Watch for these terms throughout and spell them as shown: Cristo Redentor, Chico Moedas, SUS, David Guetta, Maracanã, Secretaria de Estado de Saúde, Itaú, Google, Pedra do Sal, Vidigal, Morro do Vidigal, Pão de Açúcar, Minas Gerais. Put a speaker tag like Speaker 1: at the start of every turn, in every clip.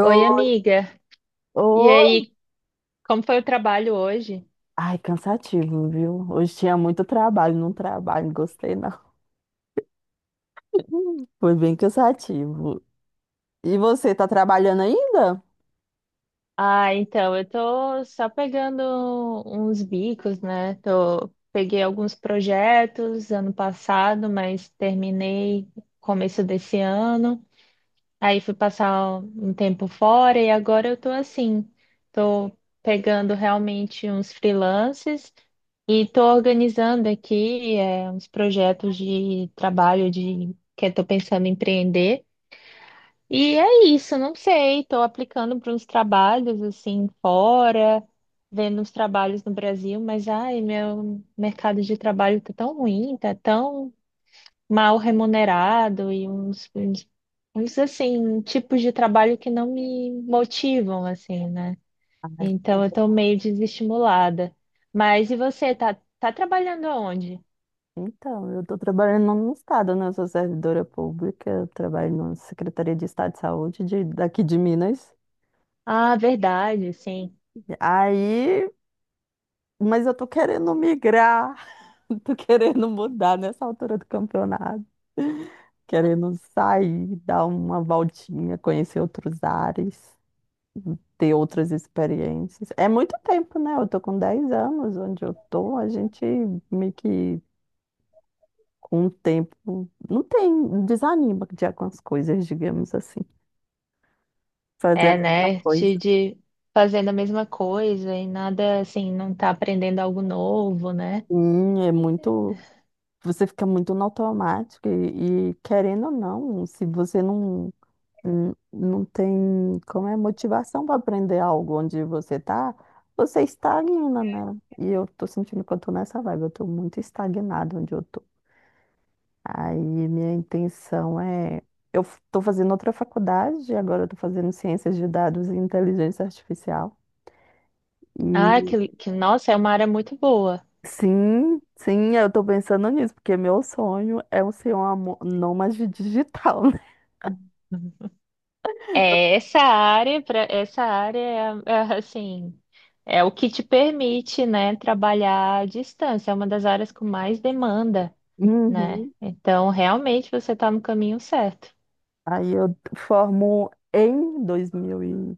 Speaker 1: Oi, amiga. E
Speaker 2: oi.
Speaker 1: aí, como foi o trabalho hoje?
Speaker 2: Ai, cansativo, viu? Hoje tinha muito trabalho, não gostei não. Foi bem cansativo. E você, tá trabalhando ainda?
Speaker 1: Ah, então, eu tô só pegando uns bicos, né? Tô, peguei alguns projetos ano passado, mas terminei começo desse ano. Aí fui passar um tempo fora e agora eu tô assim, tô pegando realmente uns freelances e tô organizando aqui, uns projetos de trabalho de que eu tô pensando em empreender. E é isso, não sei, estou aplicando para uns trabalhos assim fora, vendo uns trabalhos no Brasil, mas ai, meu mercado de trabalho tá tão ruim, tá tão mal remunerado e uns, assim, tipos de trabalho que não me motivam assim, né?
Speaker 2: Ai, bom,
Speaker 1: Então eu tô meio desestimulada. Mas e você, tá trabalhando aonde?
Speaker 2: então, eu tô trabalhando no estado, né? Eu sou servidora pública, eu trabalho na Secretaria de Estado de Saúde daqui de Minas.
Speaker 1: Ah, verdade, sim.
Speaker 2: Aí, mas eu tô querendo migrar, tô querendo mudar nessa altura do campeonato, querendo sair, dar uma voltinha, conhecer outros ares, ter outras experiências. É muito tempo, né? Eu tô com 10 anos onde eu tô. A gente meio que com o tempo não tem, desanima de algumas coisas, digamos assim. Fazer
Speaker 1: É,
Speaker 2: a mesma
Speaker 1: né? Te
Speaker 2: coisa.
Speaker 1: de fazendo a mesma coisa e nada assim, não tá aprendendo algo novo, né?
Speaker 2: Sim, é muito, você fica muito no automático e, querendo ou não, se você não não tem como é motivação para aprender algo onde você tá, você estagna, né? E eu tô sentindo que eu tô nessa vibe, eu tô muito estagnada onde eu tô. Aí minha intenção é... Eu estou fazendo outra faculdade, agora eu estou fazendo ciências de dados e inteligência artificial.
Speaker 1: Ah,
Speaker 2: E
Speaker 1: que nossa, é uma área muito boa.
Speaker 2: sim, sim, eu estou pensando nisso, porque meu sonho é eu ser uma nômade digital, né?
Speaker 1: Uhum. É essa área, para essa área é, assim, é o que te permite, né, trabalhar à distância. É uma das áreas com mais demanda, né?
Speaker 2: Uhum.
Speaker 1: Então, realmente você está no caminho certo.
Speaker 2: Aí eu formo em 2000 e...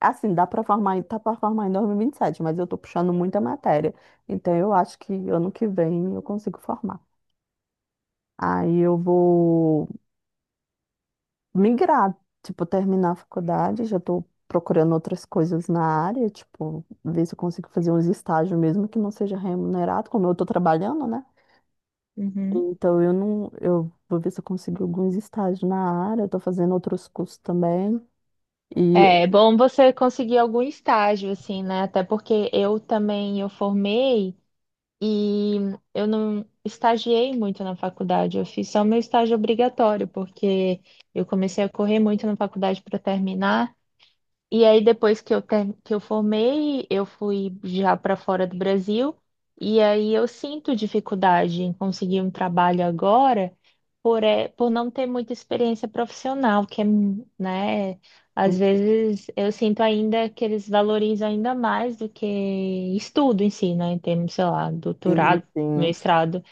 Speaker 2: Assim, dá para formar, tá para formar em 2027, mas eu estou puxando muita matéria. Então eu acho que ano que vem eu consigo formar. Aí eu vou migrar, tipo, terminar a faculdade, já tô procurando outras coisas na área, tipo, ver se eu consigo fazer uns estágios mesmo que não seja remunerado, como eu tô trabalhando, né?
Speaker 1: Uhum.
Speaker 2: Então eu não, eu vou ver se eu consigo alguns estágios na área, eu tô fazendo outros cursos também. E
Speaker 1: É bom você conseguir algum estágio, assim, né? Até porque eu também eu formei. E eu não estagiei muito na faculdade, eu fiz só meu estágio obrigatório, porque eu comecei a correr muito na faculdade para terminar. E aí depois que que eu formei, eu fui já para fora do Brasil, e aí eu sinto dificuldade em conseguir um trabalho agora por, é, por não ter muita experiência profissional, que é, né, às vezes eu sinto ainda que eles valorizam ainda mais do que estudo em si, né, em termos, sei lá,
Speaker 2: sim,
Speaker 1: doutorado,
Speaker 2: sim.
Speaker 1: mestrado.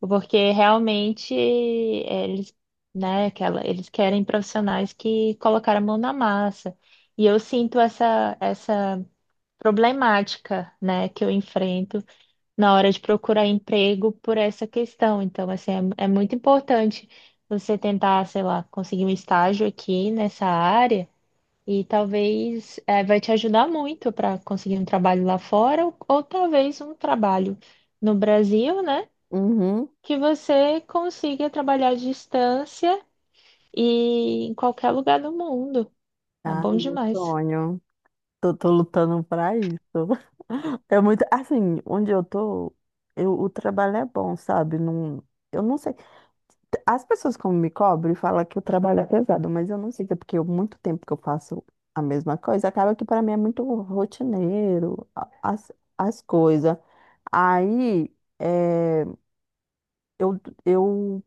Speaker 1: Porque realmente eles, né, aquela, eles querem profissionais que colocaram a mão na massa. E eu sinto essa problemática, né, que eu enfrento na hora de procurar emprego por essa questão. Então, assim, é muito importante você tentar, sei lá, conseguir um estágio aqui nessa área e talvez vai te ajudar muito para conseguir um trabalho lá fora ou talvez um trabalho no Brasil, né?
Speaker 2: Uhum.
Speaker 1: Que você consiga trabalhar à distância e em qualquer lugar do mundo. É
Speaker 2: Ah,
Speaker 1: bom
Speaker 2: meu
Speaker 1: demais.
Speaker 2: sonho. Tô, tô lutando pra isso. É muito, assim, onde eu tô, eu, o trabalho é bom, sabe? Não, eu não sei. As pessoas como me cobram e falam que o trabalho é pesado, mas eu não sei se é porque eu, muito tempo que eu faço a mesma coisa, acaba que para mim é muito rotineiro, as, as coisas. Aí eh, eu, eu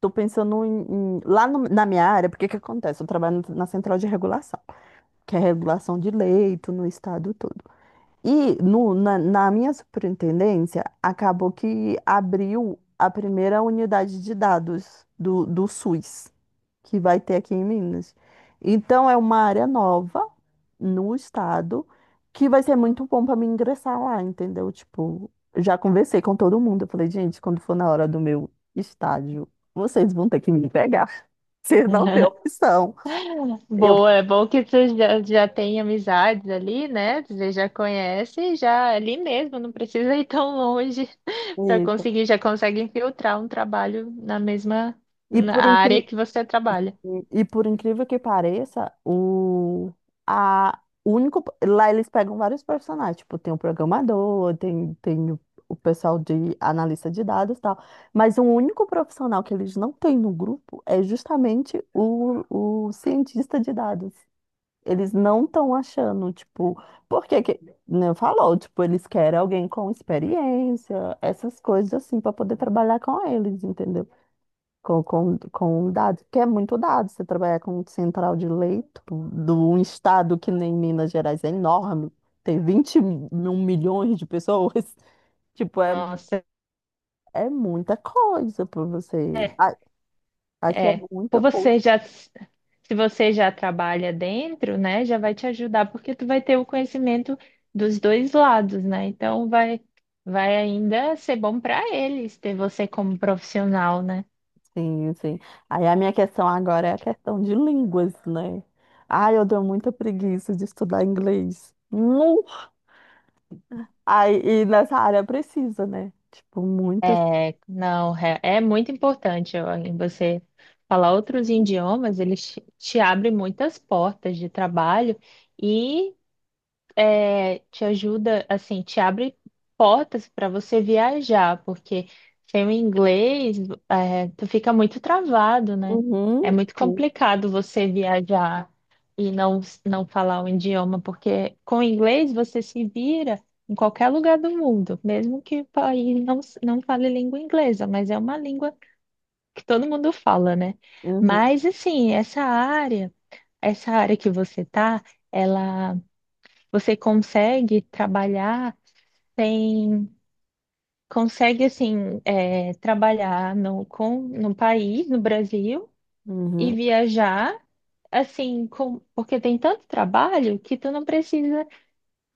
Speaker 2: tô pensando em, lá na minha área, porque que acontece? Eu trabalho na central de regulação, que é regulação de leito no estado todo. E no, na, na minha superintendência, acabou que abriu a primeira unidade de dados do SUS que vai ter aqui em Minas. Então, é uma área nova no estado que vai ser muito bom para mim ingressar lá, entendeu? Tipo, já conversei com todo mundo. Eu falei, gente, quando for na hora do meu estágio, vocês vão ter que me pegar. Vocês não têm opção. Eu,
Speaker 1: Boa, é bom que você já tem amizades ali, né? Você já conhece, já ali mesmo, não precisa ir tão longe para
Speaker 2: isso.
Speaker 1: conseguir, já consegue infiltrar um trabalho na mesma
Speaker 2: E
Speaker 1: na
Speaker 2: por incrível
Speaker 1: área que você trabalha.
Speaker 2: E por incrível que pareça, o único. Lá eles pegam vários personagens, tipo, tem o programador, tem o pessoal de analista de dados e tal. Mas o único profissional que eles não têm no grupo é justamente o cientista de dados. Eles não estão achando, tipo, porque que, né, falou, tipo, eles querem alguém com experiência, essas coisas assim, para poder trabalhar com eles, entendeu? Com dados, porque é muito dado. Você trabalhar com um central de leito de um estado que nem Minas Gerais é enorme, tem 21 milhões de pessoas. Tipo, é,
Speaker 1: Nossa.
Speaker 2: é muita coisa para você. A- Aqui é
Speaker 1: É, por
Speaker 2: muita coisa,
Speaker 1: você já, se você já trabalha dentro, né, já vai te ajudar, porque tu vai ter o conhecimento dos dois lados, né? Então vai ainda ser bom para eles ter você como profissional, né?
Speaker 2: sim, sim. Aí a minha questão agora é a questão de línguas, né? Ai, eu dou muita preguiça de estudar inglês. Nu! Aí, e nessa área precisa, né? Tipo, muitas.
Speaker 1: É, não, é muito importante ó, em você falar outros idiomas, eles te abrem muitas portas de trabalho e te ajuda, assim, te abre portas para você viajar, porque sem o inglês, tu fica muito travado, né?
Speaker 2: Uhum,
Speaker 1: É muito
Speaker 2: uhum,
Speaker 1: complicado você viajar e não falar o idioma, porque com o inglês você se vira em qualquer lugar do mundo, mesmo que o país não fale língua inglesa, mas é uma língua que todo mundo fala, né?
Speaker 2: uhum.
Speaker 1: Mas, assim, essa área que você tá, ela, você consegue trabalhar tem, consegue assim trabalhar no país, no Brasil, e
Speaker 2: Uhum.
Speaker 1: viajar assim, com, porque tem tanto trabalho que tu não precisa,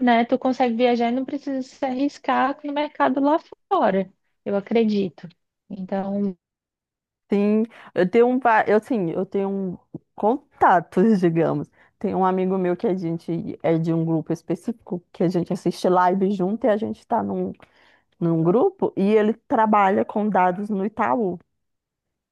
Speaker 1: né? Tu consegue viajar e não precisa se arriscar no mercado lá fora, eu acredito. Então,
Speaker 2: Sim, eu tenho um, eu sim, eu tenho um contatos, digamos. Tem um amigo meu que a gente é de um grupo específico, que a gente assiste live junto e a gente está num, num grupo e ele trabalha com dados no Itaú.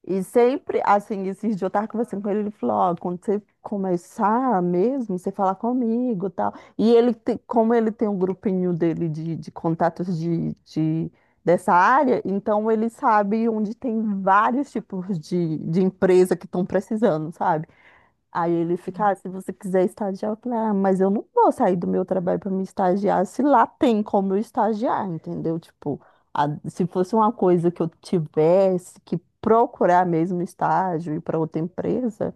Speaker 2: E sempre, assim, esses dias eu tava conversando com ele, ele falou, ó, quando você começar mesmo, você falar comigo e tal. E ele, como ele tem um grupinho dele de contatos dessa área, então ele sabe onde tem vários tipos de empresa que estão precisando, sabe? Aí ele fica, ah, se você quiser estagiar, eu falei, ah, mas eu não vou sair do meu trabalho para me estagiar se lá tem como eu estagiar, entendeu? Tipo, se fosse uma coisa que eu tivesse que procurar mesmo estágio e para outra empresa,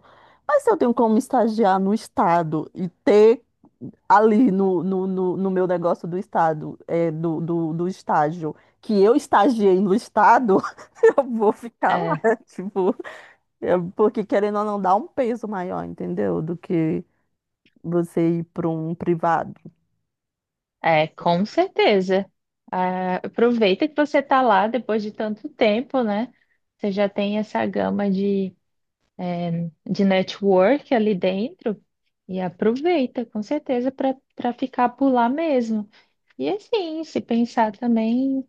Speaker 2: mas se eu tenho como estagiar no estado e ter ali no meu negócio do estado, é, do estágio, que eu estagiei no estado, eu vou ficar
Speaker 1: é,
Speaker 2: lá, tipo. É, porque querendo ou não, dá um peso maior, entendeu? Do que você ir para um privado.
Speaker 1: é com certeza. Ah, aproveita que você está lá depois de tanto tempo, né? Você já tem essa gama de network ali dentro e aproveita, com certeza, para ficar por lá mesmo. E assim, se pensar também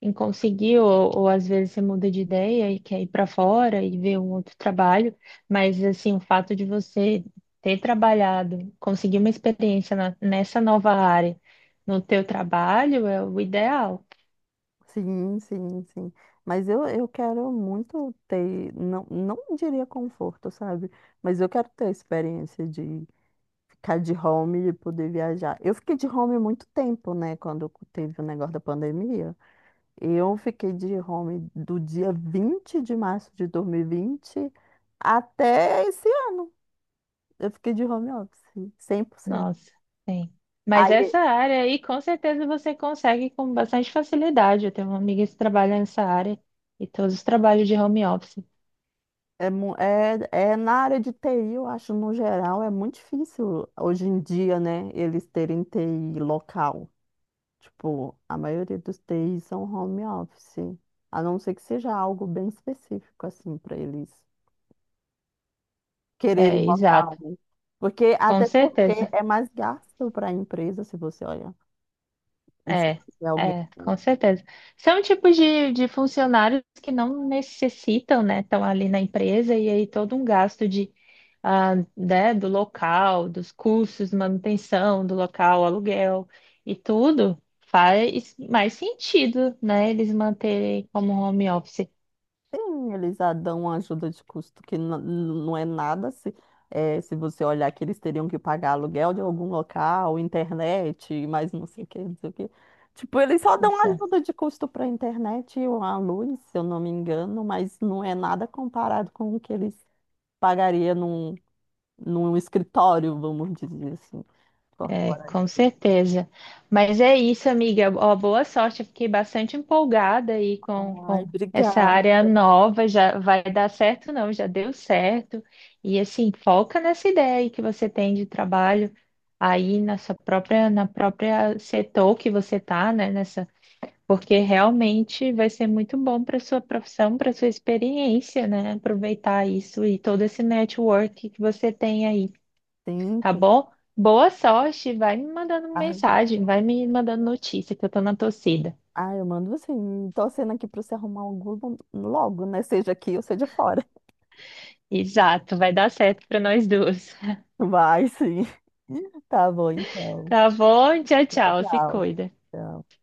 Speaker 1: em conseguir, ou às vezes você muda de ideia e quer ir para fora e ver um outro trabalho, mas assim, o fato de você ter trabalhado, conseguir uma experiência nessa nova área no teu trabalho é o ideal.
Speaker 2: Sim, sim, sim. Mas eu quero muito ter, não, não diria conforto, sabe? Mas eu quero ter a experiência de ficar de home e poder viajar. Eu fiquei de home muito tempo, né? Quando teve o negócio da pandemia. Eu fiquei de home do dia 20 de março de 2020 até esse ano. Eu fiquei de home office, 100%.
Speaker 1: Nossa, sim. Mas
Speaker 2: Aí
Speaker 1: essa área aí, com certeza você consegue com bastante facilidade. Eu tenho uma amiga que trabalha nessa área e todos os trabalhos de home office.
Speaker 2: é, é na área de TI, eu acho, no geral, é muito difícil hoje em dia, né, eles terem TI local. Tipo, a maioria dos TIs são home office, a não ser que seja algo bem específico, assim, para eles quererem
Speaker 1: É,
Speaker 2: local,
Speaker 1: exato,
Speaker 2: né? Porque,
Speaker 1: com
Speaker 2: até porque
Speaker 1: certeza.
Speaker 2: é mais gasto para a empresa, se você olha, se
Speaker 1: É,
Speaker 2: você tiver alguém.
Speaker 1: é, com certeza. São tipos de funcionários que não necessitam, né? Estão ali na empresa e aí todo um gasto de, ah, né, do local, dos custos, manutenção do local, aluguel e tudo faz mais sentido, né? Eles manterem como home office.
Speaker 2: Sim, eles já dão uma ajuda de custo que não é nada se, se você olhar que eles teriam que pagar aluguel de algum local, internet, mais não sei o que, não sei o que. Tipo, eles só dão ajuda de custo para a internet e a luz, se eu não me engano, mas não é nada comparado com o que eles pagariam num, num escritório, vamos dizer assim,
Speaker 1: É, com
Speaker 2: corporativo.
Speaker 1: certeza. Mas é isso, amiga. Ó, boa sorte. Eu fiquei bastante empolgada aí
Speaker 2: Ai,
Speaker 1: com essa
Speaker 2: obrigada.
Speaker 1: área nova. Já vai dar certo, não? Já deu certo. E assim, foca nessa ideia aí que você tem de trabalho aí na sua própria, na própria setor que você tá, né? Nessa, porque realmente vai ser muito bom para sua profissão, para sua experiência, né? Aproveitar isso e todo esse network que você tem aí
Speaker 2: Sim,
Speaker 1: tá
Speaker 2: sim.
Speaker 1: bom? Boa sorte, vai me mandando
Speaker 2: Ai,
Speaker 1: mensagem, vai me mandando notícia que eu tô na torcida.
Speaker 2: ai, eu mando assim, torcendo aqui para você arrumar um Google logo, né? Seja aqui ou seja fora.
Speaker 1: Exato, vai dar certo para nós duas.
Speaker 2: Vai sim. Tá bom, então.
Speaker 1: Tá bom? Tchau,
Speaker 2: Tchau,
Speaker 1: tchau, se
Speaker 2: tchau.
Speaker 1: cuida.
Speaker 2: Tchau.